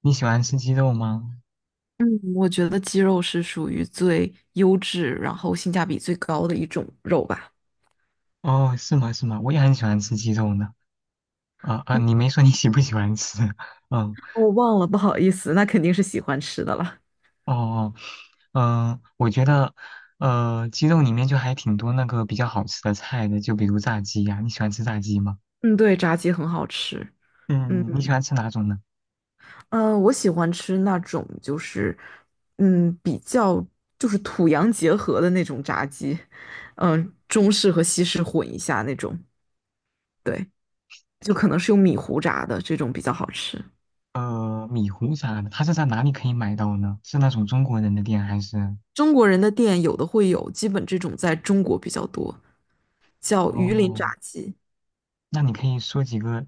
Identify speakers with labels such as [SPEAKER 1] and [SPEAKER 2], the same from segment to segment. [SPEAKER 1] 你喜欢吃鸡肉吗？
[SPEAKER 2] 嗯，我觉得鸡肉是属于最优质，然后性价比最高的一种肉吧。
[SPEAKER 1] 哦，是吗？是吗？我也很喜欢吃鸡肉呢。啊、你没说你喜不喜欢吃？嗯。
[SPEAKER 2] 我忘了，不好意思，那肯定是喜欢吃的了。
[SPEAKER 1] 哦哦。我觉得，鸡肉里面就还挺多那个比较好吃的菜的，就比如炸鸡呀、你喜欢吃炸鸡吗？
[SPEAKER 2] 嗯，对，炸鸡很好吃。嗯，
[SPEAKER 1] 嗯，你喜欢吃哪种呢？
[SPEAKER 2] 我喜欢吃那种就是，嗯，比较就是土洋结合的那种炸鸡，嗯、中式和西式混一下那种，对，就可能是用米糊炸的这种比较好吃。
[SPEAKER 1] 米糊啥的，它是在哪里可以买到呢？是那种中国人的店还是？
[SPEAKER 2] 中国人的店有的会有，基本这种在中国比较多，叫榆林
[SPEAKER 1] 哦，
[SPEAKER 2] 炸鸡。
[SPEAKER 1] 那你可以说几个？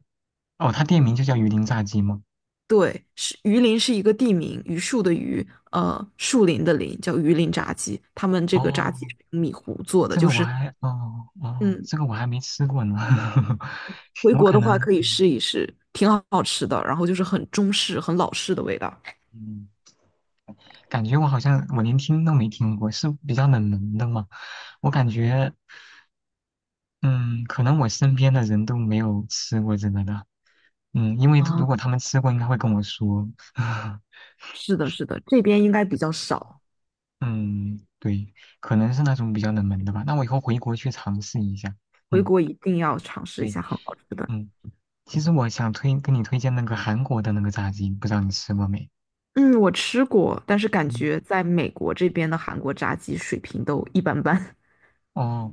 [SPEAKER 1] 哦，它店名就叫鱼鳞炸鸡吗？
[SPEAKER 2] 对，是榆林是一个地名，榆树的榆，树林的林，叫榆林炸鸡。他们这个炸鸡
[SPEAKER 1] 哦，
[SPEAKER 2] 是用米糊做的，
[SPEAKER 1] 这
[SPEAKER 2] 就
[SPEAKER 1] 个我
[SPEAKER 2] 是，
[SPEAKER 1] 还
[SPEAKER 2] 嗯，
[SPEAKER 1] 这个我还没吃过呢。
[SPEAKER 2] 回
[SPEAKER 1] 我
[SPEAKER 2] 国
[SPEAKER 1] 可
[SPEAKER 2] 的话
[SPEAKER 1] 能
[SPEAKER 2] 可以试一试，挺好吃的。然后就是很中式、很老式的味道
[SPEAKER 1] 嗯感觉我好像我连听都没听过，是比较冷门的嘛。我感觉，嗯，可能我身边的人都没有吃过这个的。嗯，因为如
[SPEAKER 2] 啊。
[SPEAKER 1] 果他们吃过，应该会跟我说。
[SPEAKER 2] 是的，是的，这边应该比较少，
[SPEAKER 1] 嗯，对，可能是那种比较冷门的吧。那我以后回国去尝试一下。
[SPEAKER 2] 回
[SPEAKER 1] 嗯，
[SPEAKER 2] 国一定要尝试一
[SPEAKER 1] 对，
[SPEAKER 2] 下，很好吃的。
[SPEAKER 1] 嗯，其实我想跟你推荐那个韩国的那个炸鸡，不知道你吃过没？
[SPEAKER 2] 嗯，我吃过，但是感
[SPEAKER 1] 嗯。
[SPEAKER 2] 觉在美国这边的韩国炸鸡水平都一般般。
[SPEAKER 1] 哦，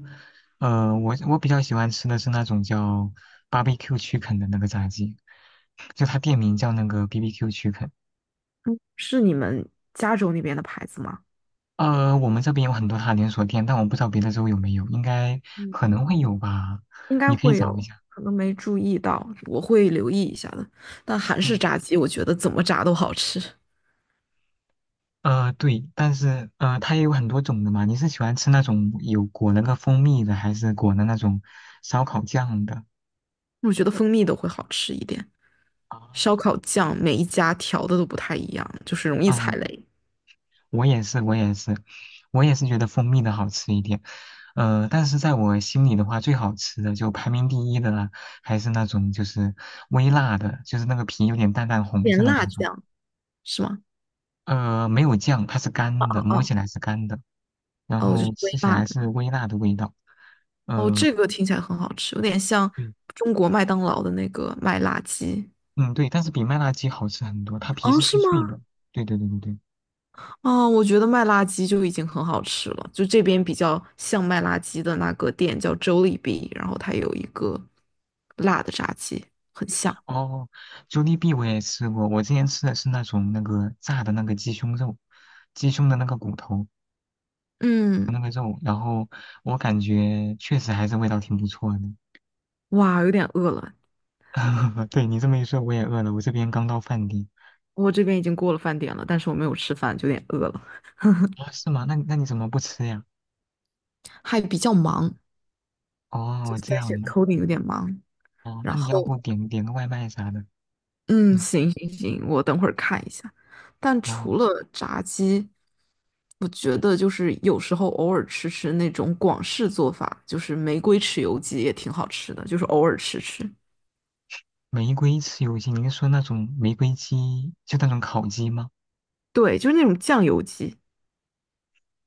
[SPEAKER 1] 我比较喜欢吃的是那种叫 barbecue chicken 的那个炸鸡，就它店名叫那个 BBQ chicken。
[SPEAKER 2] 是你们加州那边的牌子吗？
[SPEAKER 1] 我们这边有很多它连锁店，但我不知道别的州有没有，应该可
[SPEAKER 2] 嗯。
[SPEAKER 1] 能会有吧，
[SPEAKER 2] 应该
[SPEAKER 1] 你可以
[SPEAKER 2] 会
[SPEAKER 1] 找一
[SPEAKER 2] 有，
[SPEAKER 1] 下。
[SPEAKER 2] 可能没注意到，我会留意一下的。但韩式
[SPEAKER 1] 嗯，
[SPEAKER 2] 炸鸡，我觉得怎么炸都好吃，
[SPEAKER 1] 对，但是它也有很多种的嘛。你是喜欢吃那种有裹那个蜂蜜的，还是裹的那种烧烤酱的？
[SPEAKER 2] 我觉得蜂蜜都会好吃一点。
[SPEAKER 1] 啊，
[SPEAKER 2] 烧烤酱每一家调的都不太一样，就是容易踩
[SPEAKER 1] 嗯，
[SPEAKER 2] 雷。
[SPEAKER 1] 我也是，我也是，我也是觉得蜂蜜的好吃一点。但是在我心里的话，最好吃的就排名第一的啦，还是那种就是微辣的，就是那个皮有点淡淡红
[SPEAKER 2] 点
[SPEAKER 1] 色的
[SPEAKER 2] 辣
[SPEAKER 1] 那种。
[SPEAKER 2] 酱是吗？
[SPEAKER 1] 没有酱，它是
[SPEAKER 2] 哦
[SPEAKER 1] 干的，
[SPEAKER 2] 哦
[SPEAKER 1] 摸起
[SPEAKER 2] 哦
[SPEAKER 1] 来是干的，然
[SPEAKER 2] 哦，就
[SPEAKER 1] 后
[SPEAKER 2] 是微
[SPEAKER 1] 吃起
[SPEAKER 2] 辣
[SPEAKER 1] 来
[SPEAKER 2] 的。
[SPEAKER 1] 是微辣的味道。
[SPEAKER 2] 哦，
[SPEAKER 1] 呃，
[SPEAKER 2] 这个听起来很好吃，有点像
[SPEAKER 1] 对。
[SPEAKER 2] 中国麦当劳的那个麦辣鸡。
[SPEAKER 1] 嗯，对，但是比麦辣鸡好吃很多，它皮
[SPEAKER 2] 哦，
[SPEAKER 1] 是
[SPEAKER 2] 是
[SPEAKER 1] 脆脆
[SPEAKER 2] 吗？
[SPEAKER 1] 的。对对对对对。
[SPEAKER 2] 啊，我觉得麦辣鸡就已经很好吃了，就这边比较像麦辣鸡的那个店叫 Jollibee，然后它有一个辣的炸鸡，很像。
[SPEAKER 1] 哦， j o l 我也吃过，我之前吃的是那种那个炸的那个鸡胸肉，鸡胸的那个骨头。
[SPEAKER 2] 嗯，
[SPEAKER 1] 那个肉，然后我感觉确实还是味道挺不错的。
[SPEAKER 2] 哇，有点饿了，
[SPEAKER 1] 对你这么一说，我也饿了，我这边刚到饭点。
[SPEAKER 2] 我这边已经过了饭点了，但是我没有吃饭，就有点饿了，
[SPEAKER 1] 啊，是吗？那你怎么不吃呀？
[SPEAKER 2] 还比较忙，就
[SPEAKER 1] 哦，
[SPEAKER 2] 是
[SPEAKER 1] 这
[SPEAKER 2] 在写
[SPEAKER 1] 样的。
[SPEAKER 2] coding 有点忙，
[SPEAKER 1] 哦，那
[SPEAKER 2] 然
[SPEAKER 1] 你要
[SPEAKER 2] 后
[SPEAKER 1] 不点个外卖啥的？
[SPEAKER 2] 嗯，
[SPEAKER 1] 嗯，
[SPEAKER 2] 行行行，我等会儿看一下。但除
[SPEAKER 1] 哦，
[SPEAKER 2] 了炸鸡，我觉得就是有时候偶尔吃吃那种广式做法，就是玫瑰豉油鸡也挺好吃的，就是偶尔吃吃。
[SPEAKER 1] 玫瑰吃有些，您说那种玫瑰鸡，就那种烤鸡吗？
[SPEAKER 2] 对，就是那种酱油鸡。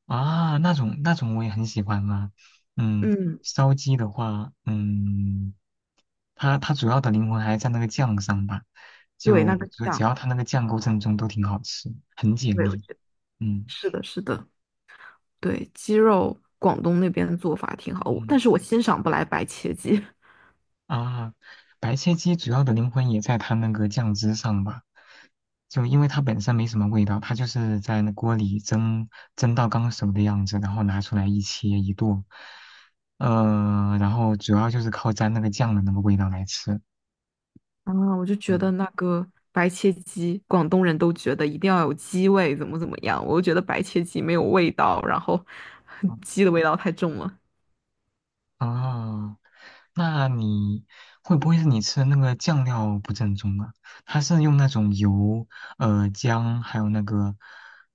[SPEAKER 1] 啊，那种那种我也很喜欢啊。嗯，
[SPEAKER 2] 嗯，
[SPEAKER 1] 烧鸡的话，嗯，它主要的灵魂还在那个酱上吧，
[SPEAKER 2] 对，那
[SPEAKER 1] 就
[SPEAKER 2] 个
[SPEAKER 1] 就只
[SPEAKER 2] 酱，
[SPEAKER 1] 要它那个酱够正宗，都挺好吃，很解
[SPEAKER 2] 对，我
[SPEAKER 1] 腻。
[SPEAKER 2] 觉得
[SPEAKER 1] 嗯
[SPEAKER 2] 是的，是的，对，鸡肉广东那边的做法挺好，但
[SPEAKER 1] 嗯。
[SPEAKER 2] 是我欣赏不来白切鸡。
[SPEAKER 1] 啊，白切鸡主要的灵魂也在它那个酱汁上吧，就因为它本身没什么味道，它就是在那锅里蒸到刚熟的样子，然后拿出来一切一剁，然后主要就是靠沾那个酱的那个味道来吃。
[SPEAKER 2] 啊，我就觉得
[SPEAKER 1] 嗯
[SPEAKER 2] 那
[SPEAKER 1] 啊，
[SPEAKER 2] 个白切鸡，广东人都觉得一定要有鸡味，怎么怎么样，我就觉得白切鸡没有味道，然后 鸡的味道太重了。
[SPEAKER 1] 哦，那你会不会是你吃的那个酱料不正宗啊？它是用那种油、姜，还有那个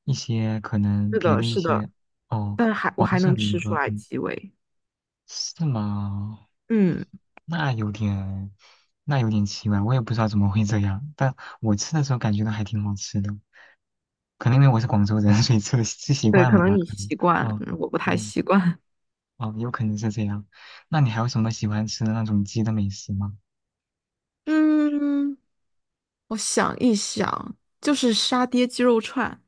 [SPEAKER 1] 一些可能
[SPEAKER 2] 是
[SPEAKER 1] 别
[SPEAKER 2] 的，
[SPEAKER 1] 的一
[SPEAKER 2] 是的，
[SPEAKER 1] 些哦
[SPEAKER 2] 但是还我
[SPEAKER 1] 黄
[SPEAKER 2] 还
[SPEAKER 1] 色
[SPEAKER 2] 能
[SPEAKER 1] 的一
[SPEAKER 2] 吃出
[SPEAKER 1] 个，
[SPEAKER 2] 来
[SPEAKER 1] 嗯，
[SPEAKER 2] 鸡味。
[SPEAKER 1] 是吗？
[SPEAKER 2] 嗯，
[SPEAKER 1] 那有点，那有点奇怪，我也不知道怎么会这样，但我吃的时候感觉到还挺好吃的，可能因为我是广州人，所以吃习
[SPEAKER 2] 对，
[SPEAKER 1] 惯
[SPEAKER 2] 可
[SPEAKER 1] 了
[SPEAKER 2] 能
[SPEAKER 1] 吧，
[SPEAKER 2] 你
[SPEAKER 1] 可能，
[SPEAKER 2] 习惯，
[SPEAKER 1] 嗯
[SPEAKER 2] 嗯我不太
[SPEAKER 1] 嗯，
[SPEAKER 2] 习惯。
[SPEAKER 1] 哦，有可能是这样。那你还有什么喜欢吃的那种鸡的美食吗？
[SPEAKER 2] 嗯，我想一想，就是沙爹鸡肉串，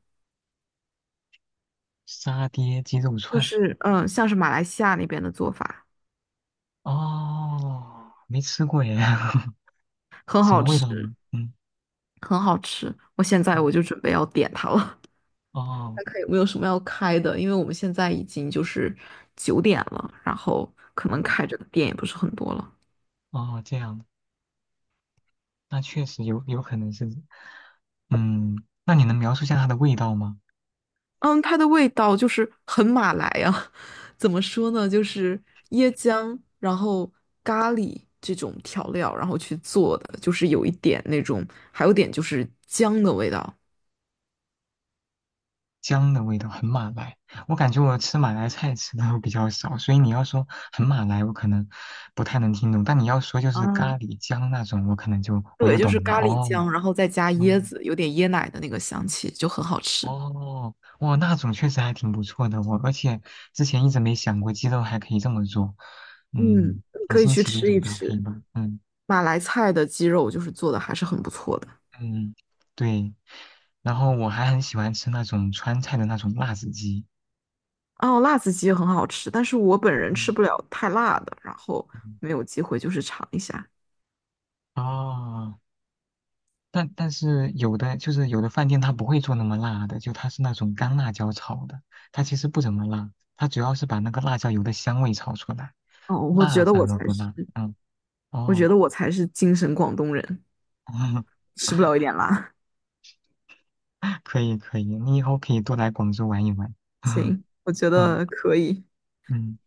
[SPEAKER 1] 沙爹鸡肉
[SPEAKER 2] 就
[SPEAKER 1] 串。
[SPEAKER 2] 是嗯，像是马来西亚那边的做法，
[SPEAKER 1] 哦，没吃过耶，
[SPEAKER 2] 很
[SPEAKER 1] 什
[SPEAKER 2] 好
[SPEAKER 1] 么味
[SPEAKER 2] 吃，
[SPEAKER 1] 道呢？嗯，
[SPEAKER 2] 很好吃。我现
[SPEAKER 1] 嗯，
[SPEAKER 2] 在我就准备要点它了。
[SPEAKER 1] 哦，
[SPEAKER 2] 看看有没有什么要开的，因为我们现在已经就是九点了，然后可能
[SPEAKER 1] 嗯，
[SPEAKER 2] 开着的店也不是很多了。
[SPEAKER 1] 哦，这样，那确实有可能是，嗯，那你能描述一下它的味道吗？
[SPEAKER 2] 嗯，它的味道就是很马来啊，怎么说呢？就是椰浆，然后咖喱这种调料，然后去做的，就是有一点那种，还有点就是姜的味道
[SPEAKER 1] 姜的味道很马来，我感觉我吃马来菜吃的比较少，所以你要说很马来，我可能不太能听懂，但你要说就是咖
[SPEAKER 2] 啊。
[SPEAKER 1] 喱姜那种，我可能就我
[SPEAKER 2] 对，
[SPEAKER 1] 就
[SPEAKER 2] 就是
[SPEAKER 1] 懂了。
[SPEAKER 2] 咖喱
[SPEAKER 1] 哦，
[SPEAKER 2] 姜，然后再加椰
[SPEAKER 1] 嗯。
[SPEAKER 2] 子，有点椰奶的那个香气，就很好吃。
[SPEAKER 1] 哦，哇，那种确实还挺不错的，我而且之前一直没想过鸡肉还可以这么做，
[SPEAKER 2] 嗯，
[SPEAKER 1] 嗯，很
[SPEAKER 2] 可以
[SPEAKER 1] 新
[SPEAKER 2] 去
[SPEAKER 1] 奇的一
[SPEAKER 2] 吃
[SPEAKER 1] 种
[SPEAKER 2] 一
[SPEAKER 1] 搭配
[SPEAKER 2] 吃。
[SPEAKER 1] 吧，嗯
[SPEAKER 2] 马来菜的鸡肉就是做的还是很不错的。
[SPEAKER 1] 嗯，对，然后我还很喜欢吃那种川菜的那种辣子鸡，
[SPEAKER 2] 哦，辣子鸡很好吃，但是我本人吃
[SPEAKER 1] 嗯
[SPEAKER 2] 不了太辣的，然后
[SPEAKER 1] 嗯，
[SPEAKER 2] 没有机会就是尝一下。
[SPEAKER 1] 哦，但是有的就是有的饭店它不会做那么辣的，就它是那种干辣椒炒的，它其实不怎么辣，它主要是把那个辣椒油的香味炒出来，
[SPEAKER 2] 哦，我觉
[SPEAKER 1] 辣
[SPEAKER 2] 得我
[SPEAKER 1] 反而
[SPEAKER 2] 才
[SPEAKER 1] 不辣，
[SPEAKER 2] 是，
[SPEAKER 1] 嗯，
[SPEAKER 2] 我觉
[SPEAKER 1] 哦。
[SPEAKER 2] 得我才是精神广东人，吃不了一点辣。
[SPEAKER 1] 可以可以，你以后可以多来广州玩一玩。嗯
[SPEAKER 2] 行，我觉
[SPEAKER 1] 嗯
[SPEAKER 2] 得可以，
[SPEAKER 1] 嗯，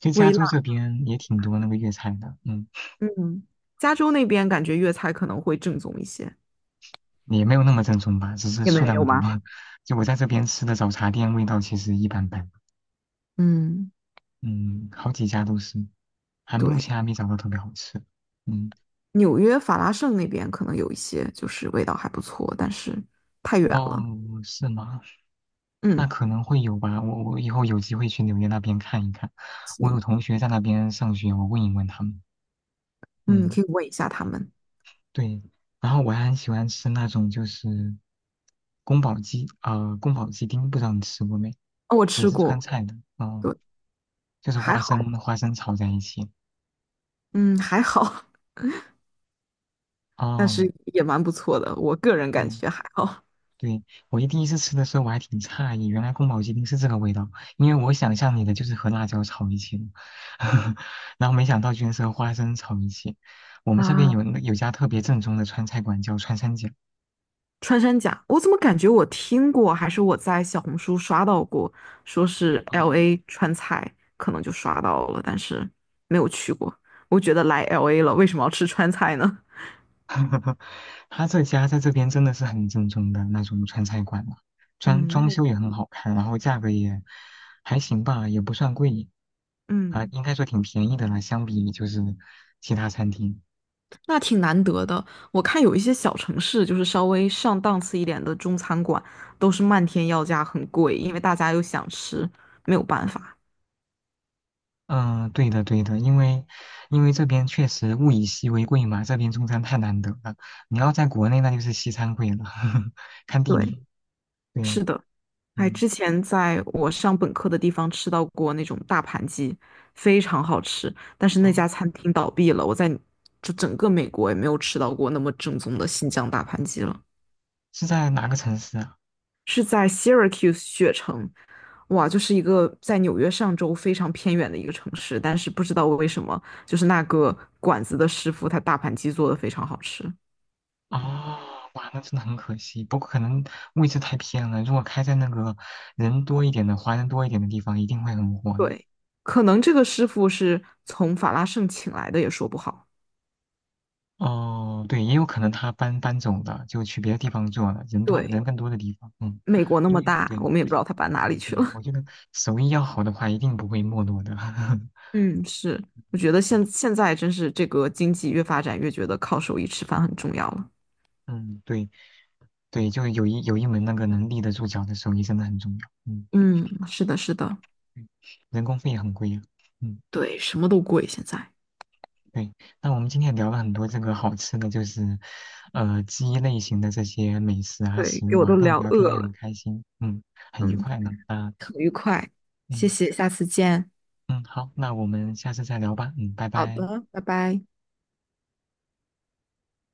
[SPEAKER 1] 其实加
[SPEAKER 2] 微
[SPEAKER 1] 州这
[SPEAKER 2] 辣。
[SPEAKER 1] 边也挺多那个粤菜的，嗯，
[SPEAKER 2] 嗯，加州那边感觉粤菜可能会正宗一些。
[SPEAKER 1] 也没有那么正宗吧，只是
[SPEAKER 2] 也
[SPEAKER 1] 数
[SPEAKER 2] 没
[SPEAKER 1] 量
[SPEAKER 2] 有
[SPEAKER 1] 多。
[SPEAKER 2] 吗？
[SPEAKER 1] 就我在这边吃的早茶店味道其实一般般，
[SPEAKER 2] 嗯，
[SPEAKER 1] 嗯，好几家都是，还目
[SPEAKER 2] 对，
[SPEAKER 1] 前还没找到特别好吃。嗯，
[SPEAKER 2] 纽约法拉盛那边可能有一些，就是味道还不错，但是太远
[SPEAKER 1] 哦，
[SPEAKER 2] 了。
[SPEAKER 1] 是吗？
[SPEAKER 2] 嗯，
[SPEAKER 1] 那可能会有吧，我以后有机会去纽约那边看一看，我
[SPEAKER 2] 行
[SPEAKER 1] 有同学在那边上学，我问一问他们。
[SPEAKER 2] 嗯，行，
[SPEAKER 1] 嗯。
[SPEAKER 2] 可以问一下他们。
[SPEAKER 1] 对，然后我还很喜欢吃那种就是宫保鸡，宫保鸡丁，不知道你吃过没？
[SPEAKER 2] 哦，我
[SPEAKER 1] 也
[SPEAKER 2] 吃
[SPEAKER 1] 是川
[SPEAKER 2] 过，
[SPEAKER 1] 菜的，哦，
[SPEAKER 2] 对，
[SPEAKER 1] 就是
[SPEAKER 2] 还
[SPEAKER 1] 花生
[SPEAKER 2] 好。
[SPEAKER 1] 花生炒在一起。
[SPEAKER 2] 嗯，还好，但
[SPEAKER 1] 哦，
[SPEAKER 2] 是也蛮不错的，我个人感
[SPEAKER 1] 嗯，
[SPEAKER 2] 觉还好。
[SPEAKER 1] 对，我第一次吃的时候我还挺诧异，原来宫保鸡丁是这个味道，因为我想象里的就是和辣椒炒一起的，然后没想到居然是和花生炒一起。我们这边
[SPEAKER 2] 啊，
[SPEAKER 1] 有有家特别正宗的川菜馆叫川三甲。
[SPEAKER 2] 穿山甲，我怎么感觉我听过，还是我在小红书刷到过，说是
[SPEAKER 1] 哦
[SPEAKER 2] LA 川菜，可能就刷到了，但是没有去过。我觉得来 LA 了，为什么要吃川菜呢？
[SPEAKER 1] 他这家在这边真的是很正宗的那种川菜馆了，装
[SPEAKER 2] 嗯，
[SPEAKER 1] 装
[SPEAKER 2] 那也
[SPEAKER 1] 修也很好看，然后价格也还行吧，也不算贵啊，
[SPEAKER 2] 嗯，
[SPEAKER 1] 应该说挺便宜的了，相比就是其他餐厅。
[SPEAKER 2] 那挺难得的。我看有一些小城市，就是稍微上档次一点的中餐馆，都是漫天要价，很贵，因为大家又想吃，没有办法。
[SPEAKER 1] 嗯，对的对的，因为这边确实物以稀为贵嘛，这边中餐太难得了，你要在国内那就是西餐贵了，看地
[SPEAKER 2] 对，
[SPEAKER 1] 理。对，
[SPEAKER 2] 是的。哎，
[SPEAKER 1] 嗯，
[SPEAKER 2] 之前在我上本科的地方吃到过那种大盘鸡，非常好吃。但是那家
[SPEAKER 1] 哦，
[SPEAKER 2] 餐厅倒闭了，就整个美国也没有吃到过那么正宗的新疆大盘鸡了。
[SPEAKER 1] 是在哪个城市啊？
[SPEAKER 2] 是在 Syracuse 雪城，哇，就是一个在纽约上州非常偏远的一个城市，但是不知道为什么，就是那个馆子的师傅他大盘鸡做的非常好吃。
[SPEAKER 1] 啊，哇，那真的很可惜。不过可能位置太偏了，如果开在那个人多一点的、华人多一点的地方，一定会很火的。
[SPEAKER 2] 对，可能这个师傅是从法拉盛请来的，也说不好。
[SPEAKER 1] 哦，对，也有可能他搬走了，就去别的地方做了，人多人
[SPEAKER 2] 对。
[SPEAKER 1] 更多的地方。嗯，
[SPEAKER 2] 美国那
[SPEAKER 1] 因
[SPEAKER 2] 么
[SPEAKER 1] 为
[SPEAKER 2] 大，
[SPEAKER 1] 对，对
[SPEAKER 2] 我们也不知道它搬哪里去了。
[SPEAKER 1] 对，我觉得手艺要好的话，一定不会没落的。
[SPEAKER 2] 嗯，是，我觉得现在真是这个经济越发展越觉得靠手艺吃饭很重要了。
[SPEAKER 1] 嗯，对对，就有一门那个能立得住脚的手艺真的很重要。嗯，
[SPEAKER 2] 嗯，是的，是的，
[SPEAKER 1] 嗯人工费也很贵呀。嗯。
[SPEAKER 2] 对，什么都贵现在。
[SPEAKER 1] 对，那我们今天也聊了很多这个好吃的，就是，鸡类型的这些美食啊、
[SPEAKER 2] 对，
[SPEAKER 1] 食
[SPEAKER 2] 给
[SPEAKER 1] 物
[SPEAKER 2] 我
[SPEAKER 1] 啊，
[SPEAKER 2] 都
[SPEAKER 1] 跟你
[SPEAKER 2] 聊
[SPEAKER 1] 聊
[SPEAKER 2] 饿
[SPEAKER 1] 天也
[SPEAKER 2] 了。
[SPEAKER 1] 很开心，嗯，很愉
[SPEAKER 2] 嗯，
[SPEAKER 1] 快呢，啊，
[SPEAKER 2] 很愉快，谢
[SPEAKER 1] 嗯
[SPEAKER 2] 谢，下次见。
[SPEAKER 1] 嗯，好，那我们下次再聊吧，嗯，拜
[SPEAKER 2] 好
[SPEAKER 1] 拜。
[SPEAKER 2] 的，拜拜。